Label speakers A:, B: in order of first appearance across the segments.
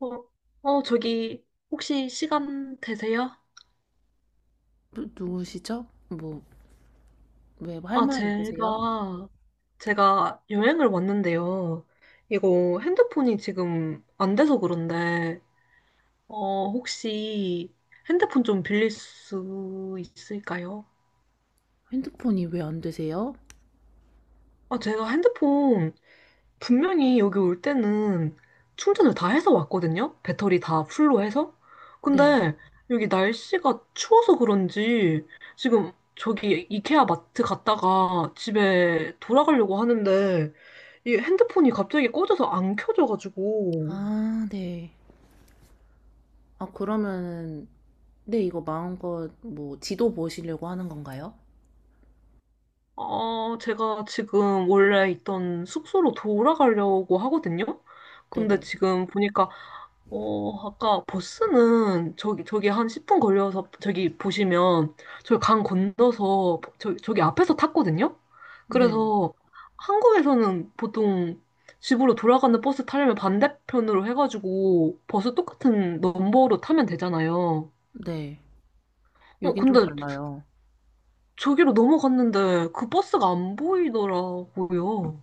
A: 어, 어, 저기, 혹시 시간 되세요?
B: 누구시죠? 뭐, 왜 할
A: 아,
B: 말 있으세요?
A: 제가, 제가 여행을 왔는데요. 이거 핸드폰이 지금 안 돼서 그런데, 혹시 핸드폰 좀 빌릴 수 있을까요?
B: 핸드폰이 왜 안 되세요?
A: 제가 핸드폰 분명히 여기 올 때는 충전을 다 해서 왔거든요? 배터리 다 풀로 해서?
B: 네.
A: 근데 여기 날씨가 추워서 그런지 지금 저기 이케아 마트 갔다가 집에 돌아가려고 하는데 이 핸드폰이 갑자기 꺼져서 안 켜져가지고.
B: 아, 네. 아, 그러면은, 네, 이거 마음껏 뭐 지도 보시려고 하는 건가요?
A: 제가 지금 원래 있던 숙소로 돌아가려고 하거든요. 근데
B: 네네.
A: 지금 보니까, 아까 버스는 저기 한 10분 걸려서 저기 보시면 저기 강 건너서 저기 앞에서 탔거든요.
B: 네. 네.
A: 그래서 한국에서는 보통 집으로 돌아가는 버스 타려면 반대편으로 해가지고 버스 똑같은 넘버로 타면 되잖아요.
B: 네. 여긴 좀
A: 근데
B: 달라요.
A: 저기로 넘어갔는데 그 버스가 안 보이더라고요.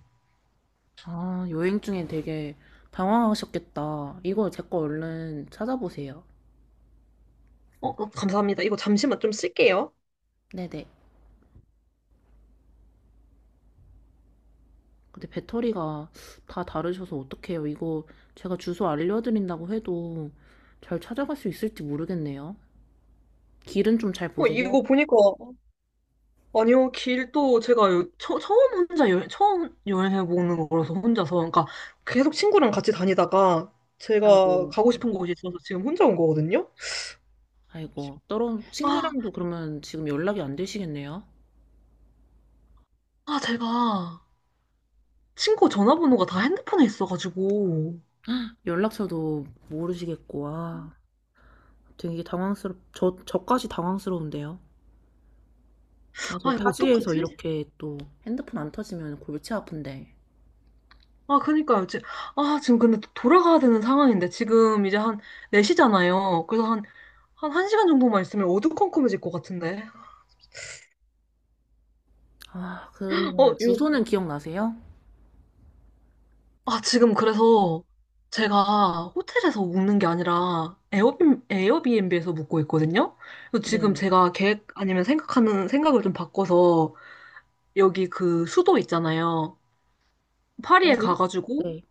B: 아, 여행 중에 되게 당황하셨겠다. 이거 제 거 얼른 찾아보세요.
A: 어, 감사합니다. 이거 잠시만 좀 쓸게요.
B: 네네. 근데 배터리가 다 다르셔서 어떡해요. 이거 제가 주소 알려드린다고 해도 잘 찾아갈 수 있을지 모르겠네요. 길은 좀 잘 보세요?
A: 이거 보니까, 아니요, 길도 처음 처음 여행해보는 거라서 혼자서. 그러니까 계속 친구랑 같이 다니다가 제가
B: 아이고,
A: 가고 싶은 곳이 있어서 지금 혼자 온 거거든요?
B: 아이고. 떨어
A: 아,
B: 친구랑도 그러면 지금 연락이 안 되시겠네요?
A: 제가 친구 전화번호가 다 핸드폰에 있어가지고.
B: 연락처도 모르시겠고, 아, 저까지 당황스러운데요? 아, 저
A: 아, 이거
B: 타지에서
A: 어떡하지?
B: 이렇게 또 핸드폰 안 터지면 골치 아픈데.
A: 아, 그니까요. 아, 지금 근데 또 돌아가야 되는 상황인데, 지금 이제 한 4시잖아요. 그래서 한 1시간 정도만 있으면 어두컴컴해질 것 같은데.
B: 아,
A: 어,
B: 그러면
A: 이거
B: 주소는 기억나세요?
A: 지금 그래서 제가 호텔에서 묵는 게 아니라 에어비앤비에서 묵고 있거든요. 그래서 지금
B: 네.
A: 제가 계획 아니면 생각하는 생각을 좀 바꿔서 여기 그 수도 있잖아요. 파리에
B: 파리?
A: 가가지고
B: 네.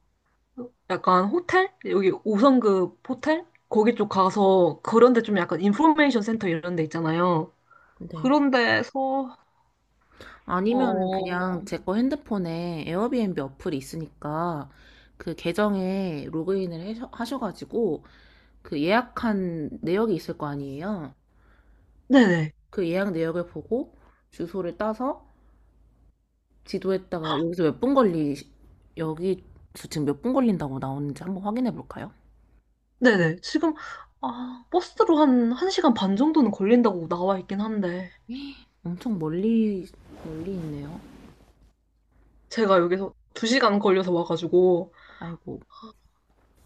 A: 약간 호텔? 여기 5성급 호텔? 거기 쪽 가서 그런데 좀 약간 인포메이션 센터 이런 데 있잖아요.
B: 네.
A: 그런 데서,
B: 아니면
A: 어,
B: 그냥 제 거 핸드폰에 에어비앤비 어플이 있으니까 그 계정에 로그인을 하셔가지고 그 예약한 내역이 있을 거 아니에요.
A: 네네.
B: 그 예약 내역을 보고 주소를 따서 지도에다가 여기 지금 몇 분 걸린다고 나오는지 한번 확인해 볼까요?
A: 네네. 아, 버스로 한 1시간 반 정도는 걸린다고 나와 있긴 한데.
B: 엄청 멀리, 멀리 있네요.
A: 제가 여기서 두 시간 걸려서 와가지고.
B: 아이고.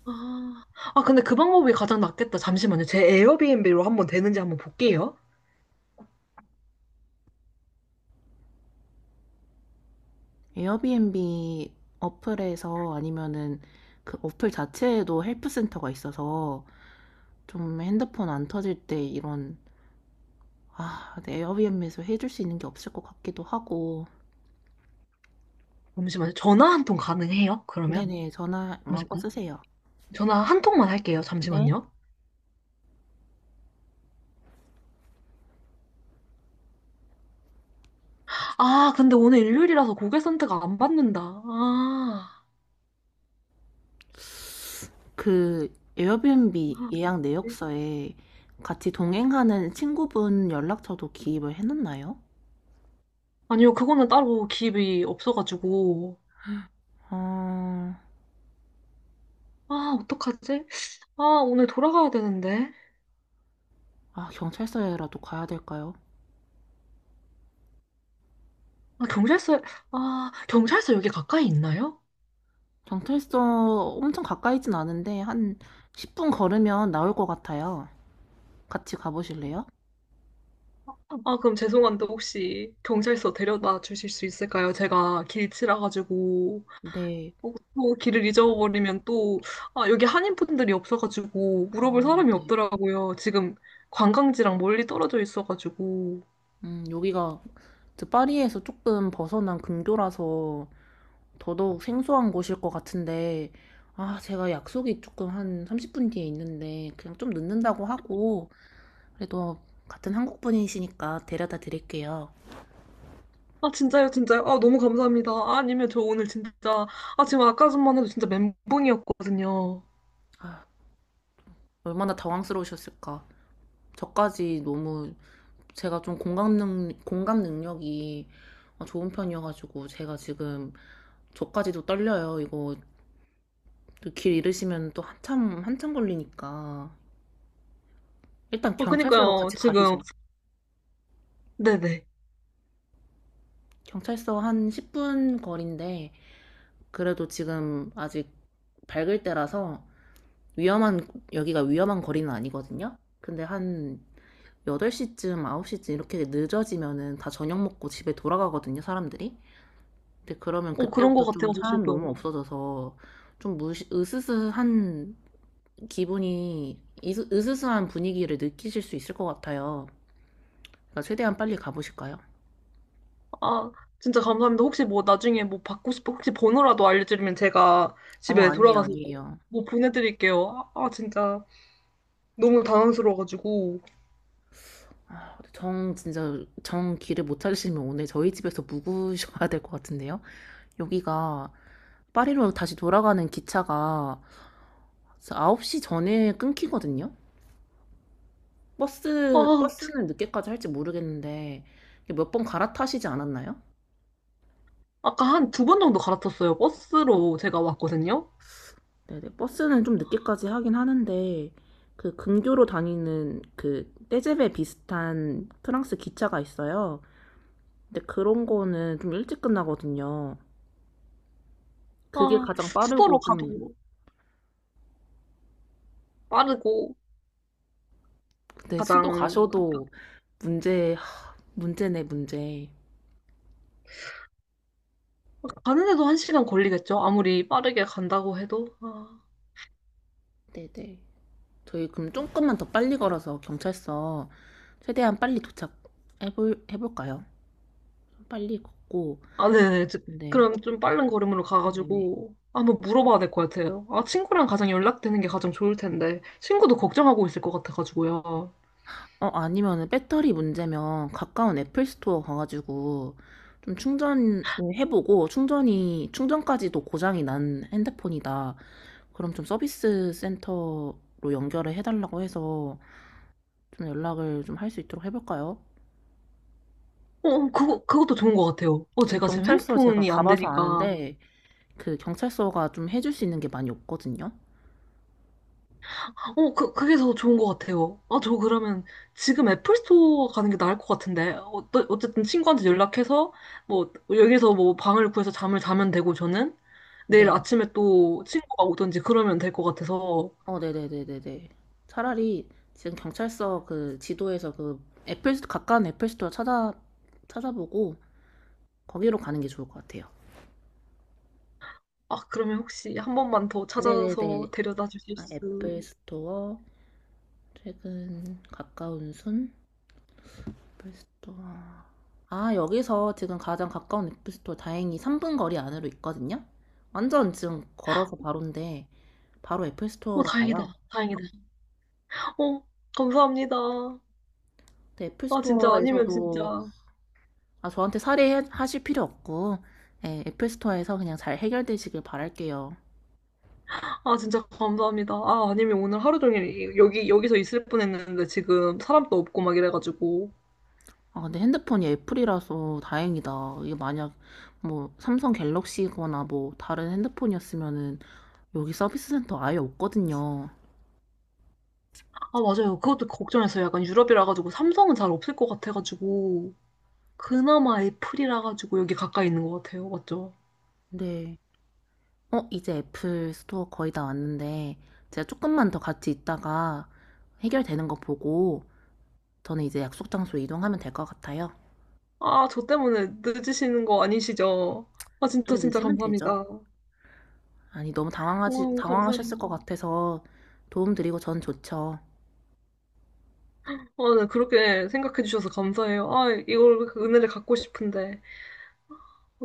A: 아, 근데 그 방법이 가장 낫겠다. 잠시만요. 제 에어비앤비로 한번 되는지 한번 볼게요.
B: 에어비앤비 어플에서 아니면은 그 어플 자체에도 헬프센터가 있어서 좀 핸드폰 안 터질 때 이런, 아, 네, 에어비앤비에서 해줄 수 있는 게 없을 것 같기도 하고.
A: 잠시만요. 전화 한 통 가능해요? 그러면?
B: 네네, 전화 마음껏
A: 잠시만요.
B: 쓰세요.
A: 전화 한 통만 할게요.
B: 네.
A: 잠시만요. 아, 근데 오늘 일요일이라서 고객센터가 안 받는다. 아.
B: 그 에어비앤비
A: 아,
B: 예약
A: 네.
B: 내역서에 같이 동행하는 친구분 연락처도 기입을 해놨나요?
A: 아니요, 그거는 따로 기입이 없어가지고.
B: 아,
A: 아, 어떡하지? 아, 오늘 돌아가야 되는데.
B: 아, 경찰서에라도 가야 될까요?
A: 아, 경찰서, 아, 경찰서 여기 가까이 있나요?
B: 경찰서 엄청 가까이진 않은데 한 10분 걸으면 나올 것 같아요. 같이 가보실래요?
A: 아, 그럼 죄송한데 혹시 경찰서 데려다 주실 수 있을까요? 제가 길치라 가지고
B: 네.
A: 어, 또 길을 잊어버리면 또 아, 여기 한인분들이 없어가지고 물어볼
B: 아,
A: 사람이
B: 네네.
A: 없더라고요. 지금 관광지랑 멀리 떨어져 있어가지고.
B: 여기가 그 파리에서 조금 벗어난 근교라서 더더욱 생소한 곳일 것 같은데, 아, 제가 약속이 조금 한 30분 뒤에 있는데, 그냥 좀 늦는다고 하고, 그래도 같은 한국 분이시니까 데려다 드릴게요.
A: 아 진짜요, 진짜요? 아 너무 감사합니다. 아, 아니면 저 오늘 진짜 아 지금 아까 전만 해도 진짜 멘붕이었거든요.
B: 아, 얼마나 당황스러우셨을까. 저까지 너무 제가 좀 공감 능력이 좋은 편이어가지고, 제가 지금 저까지도 떨려요. 이거 또길 잃으시면 또 한참 걸리니까. 일단
A: 아
B: 경찰서로
A: 그니까요
B: 같이
A: 지금
B: 가시죠.
A: 네네.
B: 경찰서 한 10분 거리인데, 그래도 지금 아직 밝을 때라서 위험한, 여기가 위험한 거리는 아니거든요? 근데 한 8시쯤, 9시쯤 이렇게 늦어지면은 다 저녁 먹고 집에 돌아가거든요, 사람들이. 근데 그러면
A: 어 그런 것
B: 그때부터 좀
A: 같아가지고
B: 사람 너무
A: 지금.
B: 없어져서 으스스한 으스스한 분위기를 느끼실 수 있을 것 같아요. 그러니까 최대한 빨리 가보실까요?
A: 아, 진짜 감사합니다. 혹시 뭐 나중에 뭐 받고 싶어, 혹시 번호라도 알려드리면 제가
B: 어머,
A: 집에 돌아가서
B: 아니에요.
A: 뭐 보내드릴게요. 아, 진짜 너무 당황스러워가지고.
B: 아, 정 길을 못 찾으시면 오늘 저희 집에서 묵으셔야 될 것 같은데요? 여기가 파리로 다시 돌아가는 기차가 9시 전에 끊기거든요?
A: 아, 지-
B: 버스는 늦게까지 할지 모르겠는데, 몇 번 갈아타시지 않았나요?
A: 아까 한 두 번 정도 갈아탔어요. 버스로 제가 왔거든요.
B: 네네, 버스는 좀 늦게까지 하긴 하는데, 그 근교로 다니는 그 떼제베 비슷한 프랑스 기차가 있어요. 근데 그런 거는 좀 일찍 끝나거든요. 그게
A: 아,
B: 가장
A: 수도로
B: 빠르고 좀,
A: 가도 빠르고
B: 근데 수도
A: 가장, 가-
B: 가셔도 문제네, 문제.
A: 가는 데도 한 시간 걸리겠죠? 아무리 빠르게 간다고 해도. 아.
B: 네네. 저희 그럼 조금만 더 빨리 걸어서 경찰서 최대한 빨리 해볼까요? 빨리 걷고,
A: 아, 네네. 저-
B: 네.
A: 그럼 좀 빠른 걸음으로
B: 네.
A: 가가지고 한번 물어봐야 될 것 같아요. 아, 친구랑 가장 연락되는 게 가장 좋을 텐데, 친구도 걱정하고 있을 것 같아가지고요. 어,
B: 어, 아니면은 배터리 문제면 가까운 애플 스토어 가가지고 좀 충전을 해보고 충전까지도 고장이 난 핸드폰이다. 그럼 좀 서비스 센터로 연결을 해달라고 해서 좀 연락을 좀 할 수 있도록 해볼까요?
A: 어, 그것도 좋은 것 같아요. 어,
B: 지금
A: 제가 지금
B: 경찰서 제가
A: 핸드폰이 안
B: 가봐서
A: 되니까.
B: 아는데 그 경찰서가 좀 해줄 수 있는 게 많이 없거든요.
A: 어, 그게 더 좋은 것 같아요. 아, 저 그러면 지금 애플 스토어 가는 게 나을 것 같은데. 어, 어쨌든 친구한테 연락해서, 뭐, 여기서 뭐 방을 구해서 잠을 자면 되고, 저는 내일
B: 네.
A: 아침에 또 친구가 오든지 그러면 될 것 같아서.
B: 어, 네네네네네. 차라리 지금 경찰서 그 지도에서 그 가까운 애플 스토어 찾아보고 거기로 가는 게 좋을 것 같아요.
A: 아, 그러면 혹시 한 번만 더
B: 네네네.
A: 찾아서 데려다 주실
B: 아,
A: 수?
B: 최근 가까운 순, 애플 스토어. 아, 여기서 지금 가장 가까운 애플 스토어 다행히 3분 거리 안으로 있거든요? 완전 지금 걸어서 바로인데, 바로 애플
A: 어,
B: 스토어로
A: 다행이다.
B: 가요.
A: 다행이다. 어, 감사합니다.
B: 근데 애플
A: 아, 진짜 아니면 진짜.
B: 스토어에서도 아, 저한테 살해하실 필요 없고, 예, 애플 스토어에서 그냥 잘 해결되시길 바랄게요.
A: 아, 진짜 감사합니다. 아, 아니면 오늘 하루 종일 여기서 있을 뻔했는데 지금 사람도 없고 막 이래가지고.
B: 아, 근데 핸드폰이 애플이라서 다행이다. 이게 만약 뭐 삼성 갤럭시거나 뭐 다른 핸드폰이었으면은 여기 서비스 센터 아예 없거든요.
A: 아, 맞아요. 그것도 걱정했어요. 약간 유럽이라 가지고 삼성은 잘 없을 것 같아가지고. 그나마 애플이라 가지고 여기 가까이 있는 것 같아요. 맞죠?
B: 근데, 어, 이제 애플 스토어 거의 다 왔는데, 제가 조금만 더 같이 있다가 해결되는 거 보고, 저는 이제 약속 장소로 이동하면 될 것 같아요.
A: 아, 저 때문에 늦으시는 거 아니시죠?
B: 좀
A: 진짜
B: 늦으면 되죠.
A: 감사합니다.
B: 아니, 당황하셨을 것
A: 감사해요.
B: 같아서 도움드리고 전 좋죠.
A: 아, 네, 그렇게 생각해 주셔서 감사해요. 아, 이걸, 그 은혜를 갖고 싶은데.